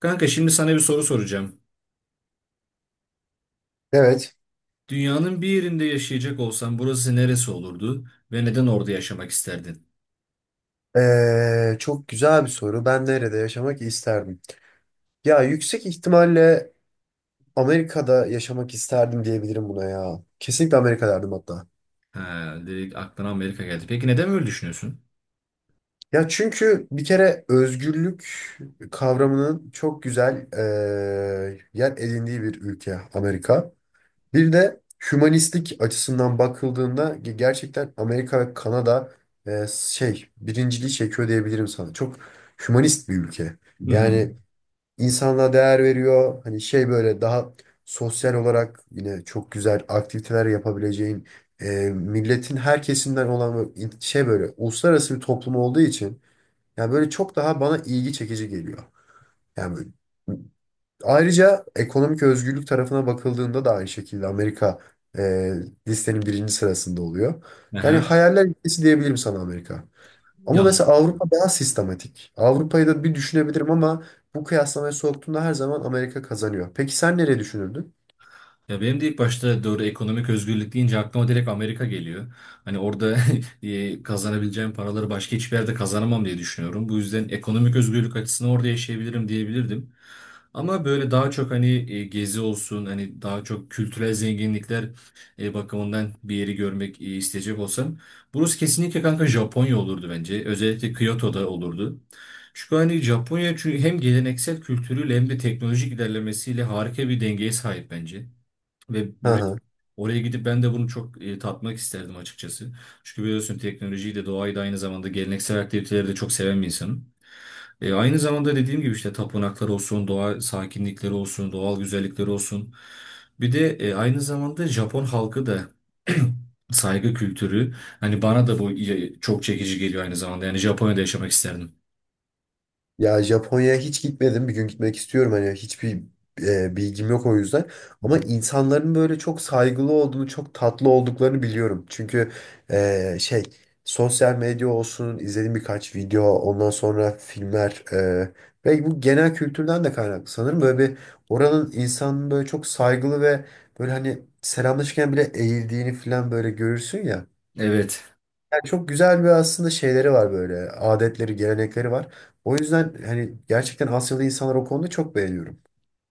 Kanka şimdi sana bir soru soracağım. Evet. Dünyanın bir yerinde yaşayacak olsan burası neresi olurdu ve neden orada yaşamak isterdin? Çok güzel bir soru. Ben nerede yaşamak isterdim? Ya yüksek ihtimalle Amerika'da yaşamak isterdim diyebilirim buna ya. Kesinlikle Amerika derdim hatta. Ha, direkt aklına Amerika geldi. Peki neden böyle düşünüyorsun? Ya çünkü bir kere özgürlük kavramının çok güzel yer edindiği bir ülke Amerika. Bir de hümanistlik açısından bakıldığında gerçekten Amerika ve Kanada birinciliği çekiyor diyebilirim sana. Çok hümanist bir ülke. Hı hı. Yani insanlığa değer veriyor. Hani şey böyle daha sosyal olarak yine çok güzel aktiviteler yapabileceğin milletin her kesimden olan böyle böyle uluslararası bir toplum olduğu için yani böyle çok daha bana ilgi çekici geliyor. Yani böyle- Ayrıca ekonomik özgürlük tarafına bakıldığında da aynı şekilde Amerika e, listenin birinci sırasında oluyor. Yani Aha, hayaller ülkesi diyebilirim sana Amerika. Ama yanlış. mesela Avrupa daha sistematik. Avrupa'yı da bir düşünebilirim ama bu kıyaslamaya soktuğumda her zaman Amerika kazanıyor. Peki sen nereye düşünürdün? Ya benim de ilk başta doğru ekonomik özgürlük deyince aklıma direkt Amerika geliyor. Hani orada kazanabileceğim paraları başka hiçbir yerde kazanamam diye düşünüyorum. Bu yüzden ekonomik özgürlük açısından orada yaşayabilirim diyebilirdim. Ama böyle daha çok hani gezi olsun, hani daha çok kültürel zenginlikler bakımından bir yeri görmek isteyecek olsam burası kesinlikle kanka Japonya olurdu bence. Özellikle Kyoto'da olurdu. Çünkü hani Japonya çünkü hem geleneksel kültürüyle hem de teknolojik ilerlemesiyle harika bir dengeye sahip bence. Ve Hı hı. oraya gidip ben de bunu çok tatmak isterdim açıkçası. Çünkü biliyorsun teknolojiyi de doğayı da aynı zamanda geleneksel aktiviteleri de çok seven bir insanım. Aynı zamanda dediğim gibi işte tapınaklar olsun, doğa sakinlikleri olsun, doğal güzellikleri olsun. Bir de aynı zamanda Japon halkı da saygı kültürü. Hani bana da bu çok çekici geliyor aynı zamanda. Yani Japonya'da yaşamak isterdim. Ya Japonya'ya hiç gitmedim. Bir gün gitmek istiyorum. Hani hiçbir bilgim yok o yüzden. Hı Ama hı. insanların böyle çok saygılı olduğunu, çok tatlı olduklarını biliyorum. Çünkü e, şey sosyal medya olsun, izlediğim birkaç video, ondan sonra filmler ve bu genel kültürden de kaynaklı sanırım. Böyle bir oranın insanın böyle çok saygılı ve böyle hani selamlaşırken bile eğildiğini falan böyle görürsün ya. Evet. Çok güzel bir aslında şeyleri var böyle. Adetleri, gelenekleri var. O yüzden hani gerçekten Asyalı insanlar o konuda çok beğeniyorum.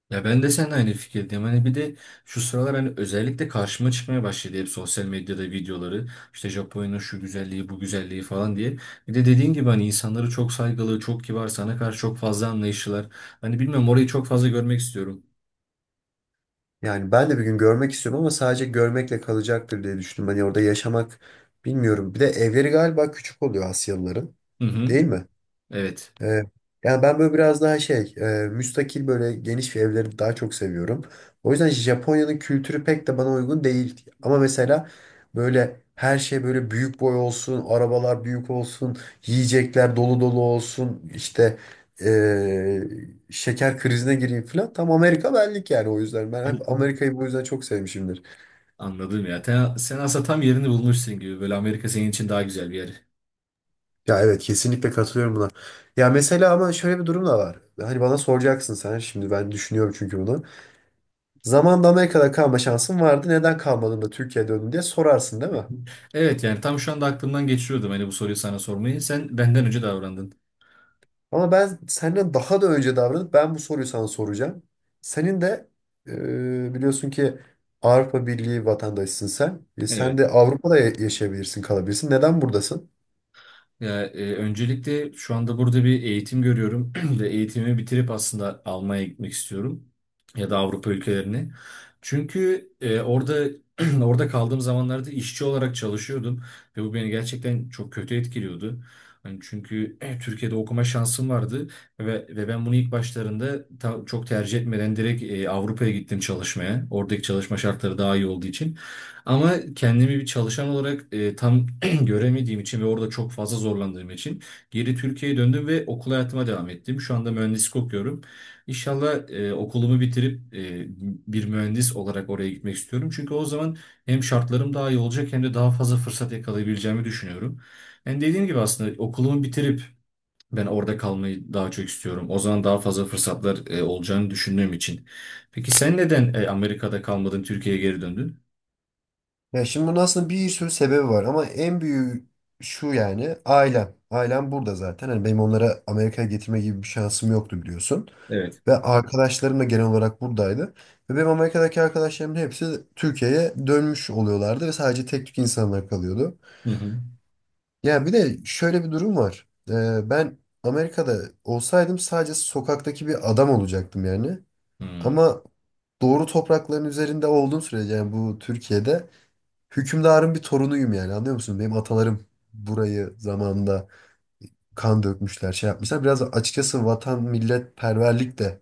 Ya ben de seninle aynı fikirdeyim. Hani bir de şu sıralar hani özellikle karşıma çıkmaya başladı hep sosyal medyada videoları. İşte Japonya'nın şu güzelliği, bu güzelliği falan diye. Bir de dediğin gibi hani insanları çok saygılı, çok kibar, sana karşı çok fazla anlayışlılar. Hani bilmiyorum orayı çok fazla görmek istiyorum. Yani ben de bir gün görmek istiyorum ama sadece görmekle kalacaktır diye düşündüm. Hani orada yaşamak bilmiyorum. Bir de evleri galiba küçük oluyor Asyalıların. Hı hı. Değil mi? Evet. Ee, Yani ben böyle biraz daha müstakil böyle geniş bir evleri daha çok seviyorum. O yüzden Japonya'nın kültürü pek de bana uygun değil. Ama mesela böyle her şey böyle büyük boy olsun, arabalar büyük olsun, yiyecekler dolu dolu olsun, işte e, şeker krizine gireyim falan. Tam Amerika benlik yani o yüzden. Ben hep Amerika'yı bu yüzden çok sevmişimdir. Anladım ya. Sen aslında tam yerini bulmuşsun gibi. Böyle Amerika senin için daha güzel bir yer. Ya evet kesinlikle katılıyorum buna. Ya mesela ama şöyle bir durum da var. Hani bana soracaksın sen şimdi ben düşünüyorum çünkü bunu. Zamanında Amerika'da kalma şansın vardı. Neden kalmadın da Türkiye'ye döndün diye sorarsın değil mi? Evet, yani tam şu anda aklımdan geçiriyordum hani bu soruyu sana sormayı. Sen benden önce davrandın. Ama ben senden daha da önce davranıp ben bu soruyu sana soracağım. Senin de biliyorsun ki Avrupa Birliği vatandaşısın sen. E, sen Evet. de Avrupa'da yaşayabilirsin, kalabilirsin. Neden buradasın? Öncelikle şu anda burada bir eğitim görüyorum ve eğitimimi bitirip aslında Almanya'ya gitmek istiyorum ya da Avrupa ülkelerine. Çünkü orada orada kaldığım zamanlarda işçi olarak çalışıyordum ve bu beni gerçekten çok kötü etkiliyordu. Hani çünkü Türkiye'de okuma şansım vardı ve ben bunu ilk başlarında çok tercih etmeden direkt Avrupa'ya gittim çalışmaya. Oradaki çalışma şartları daha iyi olduğu için. Ama kendimi bir çalışan olarak tam göremediğim için ve orada çok fazla zorlandığım için geri Türkiye'ye döndüm ve okul hayatıma devam ettim. Şu anda mühendislik okuyorum. İnşallah okulumu bitirip bir mühendis olarak oraya gitmek istiyorum. Çünkü o zaman hem şartlarım daha iyi olacak hem de daha fazla fırsat yakalayabileceğimi düşünüyorum. Yani dediğim gibi aslında okulumu bitirip ben orada kalmayı daha çok istiyorum. O zaman daha fazla fırsatlar olacağını düşündüğüm için. Peki sen neden Amerika'da kalmadın, Türkiye'ye geri döndün? Ya şimdi bunun aslında bir sürü sebebi var ama en büyüğü şu yani ailem. Ailem burada zaten. Hani benim onlara Amerika'ya getirme gibi bir şansım yoktu biliyorsun. Evet. Ve arkadaşlarım da genel olarak buradaydı. Ve benim Amerika'daki arkadaşlarımın hepsi Türkiye'ye dönmüş oluyorlardı ve sadece tek tük insanlar kalıyordu. Hı hı. Ya bir de şöyle bir durum var. Ben Amerika'da olsaydım sadece sokaktaki bir adam olacaktım yani. Hmm. Ama doğru toprakların üzerinde olduğum sürece yani bu Türkiye'de hükümdarın bir torunuyum yani anlıyor musun? Benim atalarım burayı zamanında kan dökmüşler, şey yapmışlar. Biraz açıkçası vatan millet perverlik de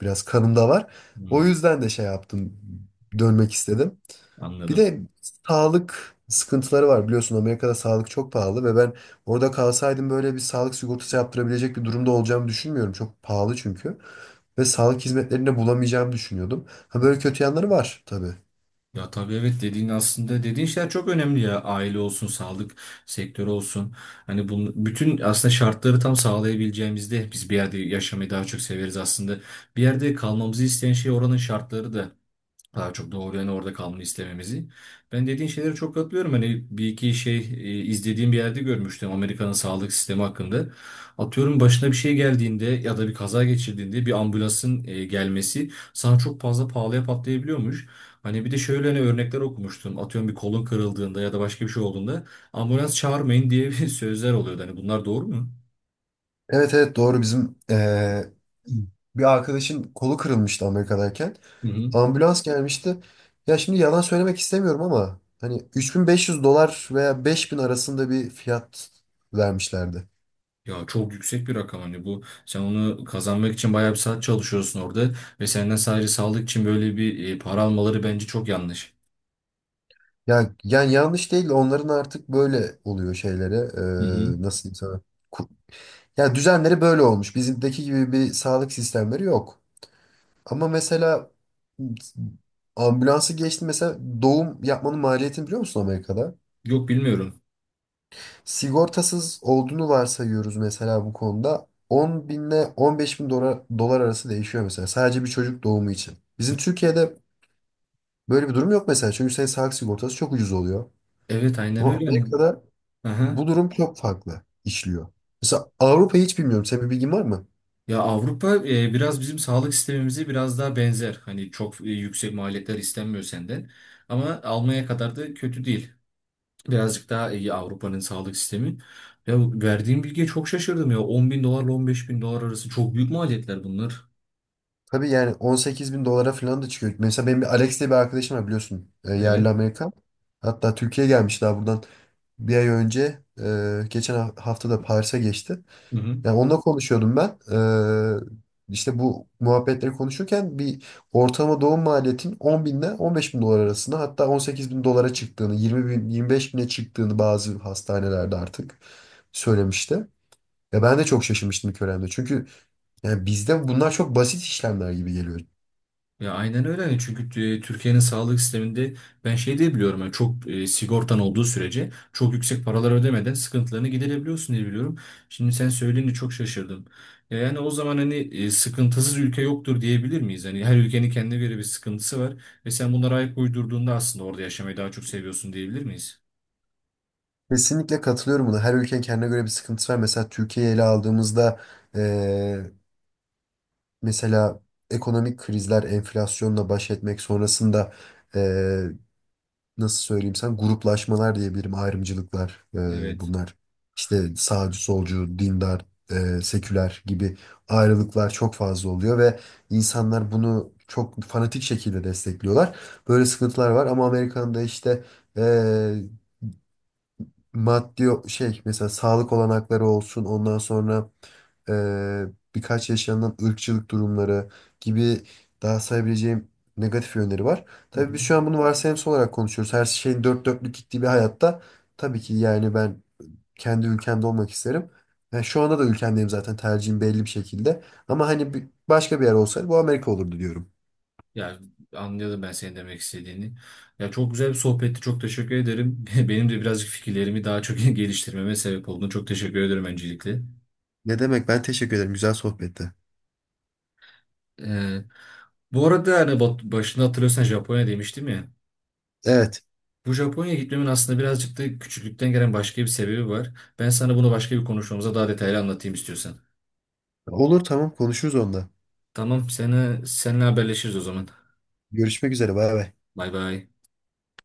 biraz kanımda var. O Hmm, yüzden de şey yaptım, dönmek istedim. Bir anladım. de sağlık sıkıntıları var biliyorsun Amerika'da sağlık çok pahalı ve ben orada kalsaydım böyle bir sağlık sigortası yaptırabilecek bir durumda olacağımı düşünmüyorum. Çok pahalı çünkü. Ve sağlık hizmetlerini de bulamayacağımı düşünüyordum. Ha böyle kötü yanları var tabii. Ya tabii, evet, dediğin aslında dediğin şeyler çok önemli ya, aile olsun, sağlık sektörü olsun, hani bunun bütün aslında şartları tam sağlayabileceğimizde biz bir yerde yaşamayı daha çok severiz aslında. Bir yerde kalmamızı isteyen şey oranın şartları da daha çok doğru, yani orada kalmanı istememizi. Ben dediğin şeylere çok katılıyorum. Hani bir iki şey izlediğim bir yerde görmüştüm Amerika'nın sağlık sistemi hakkında. Atıyorum başına bir şey geldiğinde ya da bir kaza geçirdiğinde bir ambulansın gelmesi sana çok fazla pahalıya patlayabiliyormuş. Hani bir de şöyle hani örnekler okumuştum. Atıyorum bir kolun kırıldığında ya da başka bir şey olduğunda ambulans çağırmayın diye bir sözler oluyordu. Hani bunlar doğru mu? Evet, evet, doğru bizim bir arkadaşın kolu kırılmıştı Amerika'dayken. Hı hı. Ambulans gelmişti. Ya şimdi yalan söylemek istemiyorum ama hani 3500 dolar veya 5000 arasında bir fiyat vermişlerdi. Ya çok yüksek bir rakam, hani bu, sen onu kazanmak için bayağı bir saat çalışıyorsun orada ve senden sadece sağlık için böyle bir para almaları bence çok yanlış. Yani, yanlış değil de onların artık böyle oluyor şeylere Hı hı. Nasıl diyeyim sana? Ku- Yani düzenleri böyle olmuş. Bizimdeki gibi bir sağlık sistemleri yok. Ama mesela ambulansı geçti mesela doğum yapmanın maliyetini biliyor musun Amerika'da? Yok, bilmiyorum. Sigortasız olduğunu varsayıyoruz mesela bu konuda. 10 binle 15 bin dolar, dolar arası değişiyor mesela. Sadece bir çocuk doğumu için. Bizim Türkiye'de böyle bir durum yok mesela. Çünkü senin sağlık sigortası çok ucuz oluyor. Evet, aynen Ama öyle hani. Amerika'da bu Aha. durum çok farklı işliyor. Mesela Avrupa'yı hiç bilmiyorum. Senin bir bilgin var mı? Ya Avrupa biraz bizim sağlık sistemimize biraz daha benzer. Hani çok yüksek maliyetler istenmiyor senden. Ama almaya kadar da kötü değil. Birazcık daha iyi Avrupa'nın sağlık sistemi. Ya verdiğim bilgiye çok şaşırdım ya. 10 bin dolarla 15 bin dolar arası çok büyük maliyetler bunlar. Tabii yani 18 bin dolara falan da çıkıyor. Mesela benim bir Alex diye bir arkadaşım var biliyorsun. E, Evet. Yerli Amerikan. Hatta Türkiye'ye gelmiş daha buradan bir ay önce. E, geçen hafta da Paris'e geçti. Hı hı. Yani onunla konuşuyordum ben. İşte bu muhabbetleri konuşurken bir ortalama doğum maliyetin 10 binle 15 bin dolar arasında hatta 18 bin dolara çıktığını, 20 bin, 25 bine çıktığını bazı hastanelerde artık söylemişti. Ya ben de çok şaşırmıştım ilk öğrendiğimde. Çünkü yani bizde bunlar çok basit işlemler gibi geliyor. Ya aynen öyle. Hani çünkü Türkiye'nin sağlık sisteminde ben şey diye biliyorum, yani çok sigortan olduğu sürece çok yüksek paralar ödemeden sıkıntılarını giderebiliyorsun diye biliyorum. Şimdi sen söyleyince çok şaşırdım. Ya yani o zaman hani sıkıntısız ülke yoktur diyebilir miyiz? Hani her ülkenin kendine göre bir sıkıntısı var ve sen bunlara ayak uydurduğunda aslında orada yaşamayı daha çok seviyorsun diyebilir miyiz? Kesinlikle katılıyorum buna. Her ülkenin kendine göre bir sıkıntısı var. Mesela Türkiye'yi ele aldığımızda ee, mesela ekonomik krizler, enflasyonla baş etmek sonrasında nasıl söyleyeyim sen gruplaşmalar diyebilirim ayrımcılıklar Evet. bunlar işte sağcı solcu dindar seküler gibi ayrılıklar çok fazla oluyor ve insanlar bunu çok fanatik şekilde destekliyorlar böyle sıkıntılar var ama Amerika'nın da işte e, maddi o- şey mesela sağlık olanakları olsun ondan sonra eee, birkaç yaşanan ırkçılık durumları gibi daha sayabileceğim negatif yönleri var. Hı hı. Tabii biz şu an bunu varsayımsal olarak konuşuyoruz. Her şeyin dört dörtlük gittiği bir hayatta tabii ki yani ben kendi ülkemde olmak isterim. Yani şu anda da ülkemdeyim zaten tercihim belli bir şekilde. Ama hani başka bir yer olsaydı bu Amerika olurdu diyorum. Ya anladım ben senin demek istediğini. Ya çok güzel bir sohbetti. Çok teşekkür ederim. Benim de birazcık fikirlerimi daha çok geliştirmeme sebep olduğunu çok teşekkür ederim öncelikle. Ne demek, ben teşekkür ederim, güzel sohbetti. Ee, Bu arada hani başında hatırlıyorsan Japonya demiştim ya. Evet, Bu Japonya'ya gitmemin aslında birazcık da küçüklükten gelen başka bir sebebi var. Ben sana bunu başka bir konuşmamıza daha detaylı anlatayım istiyorsan. olur, tamam, konuşuruz onda. Tamam, seni seninle haberleşiriz o zaman. Görüşmek üzere, bay bay. Bay bay.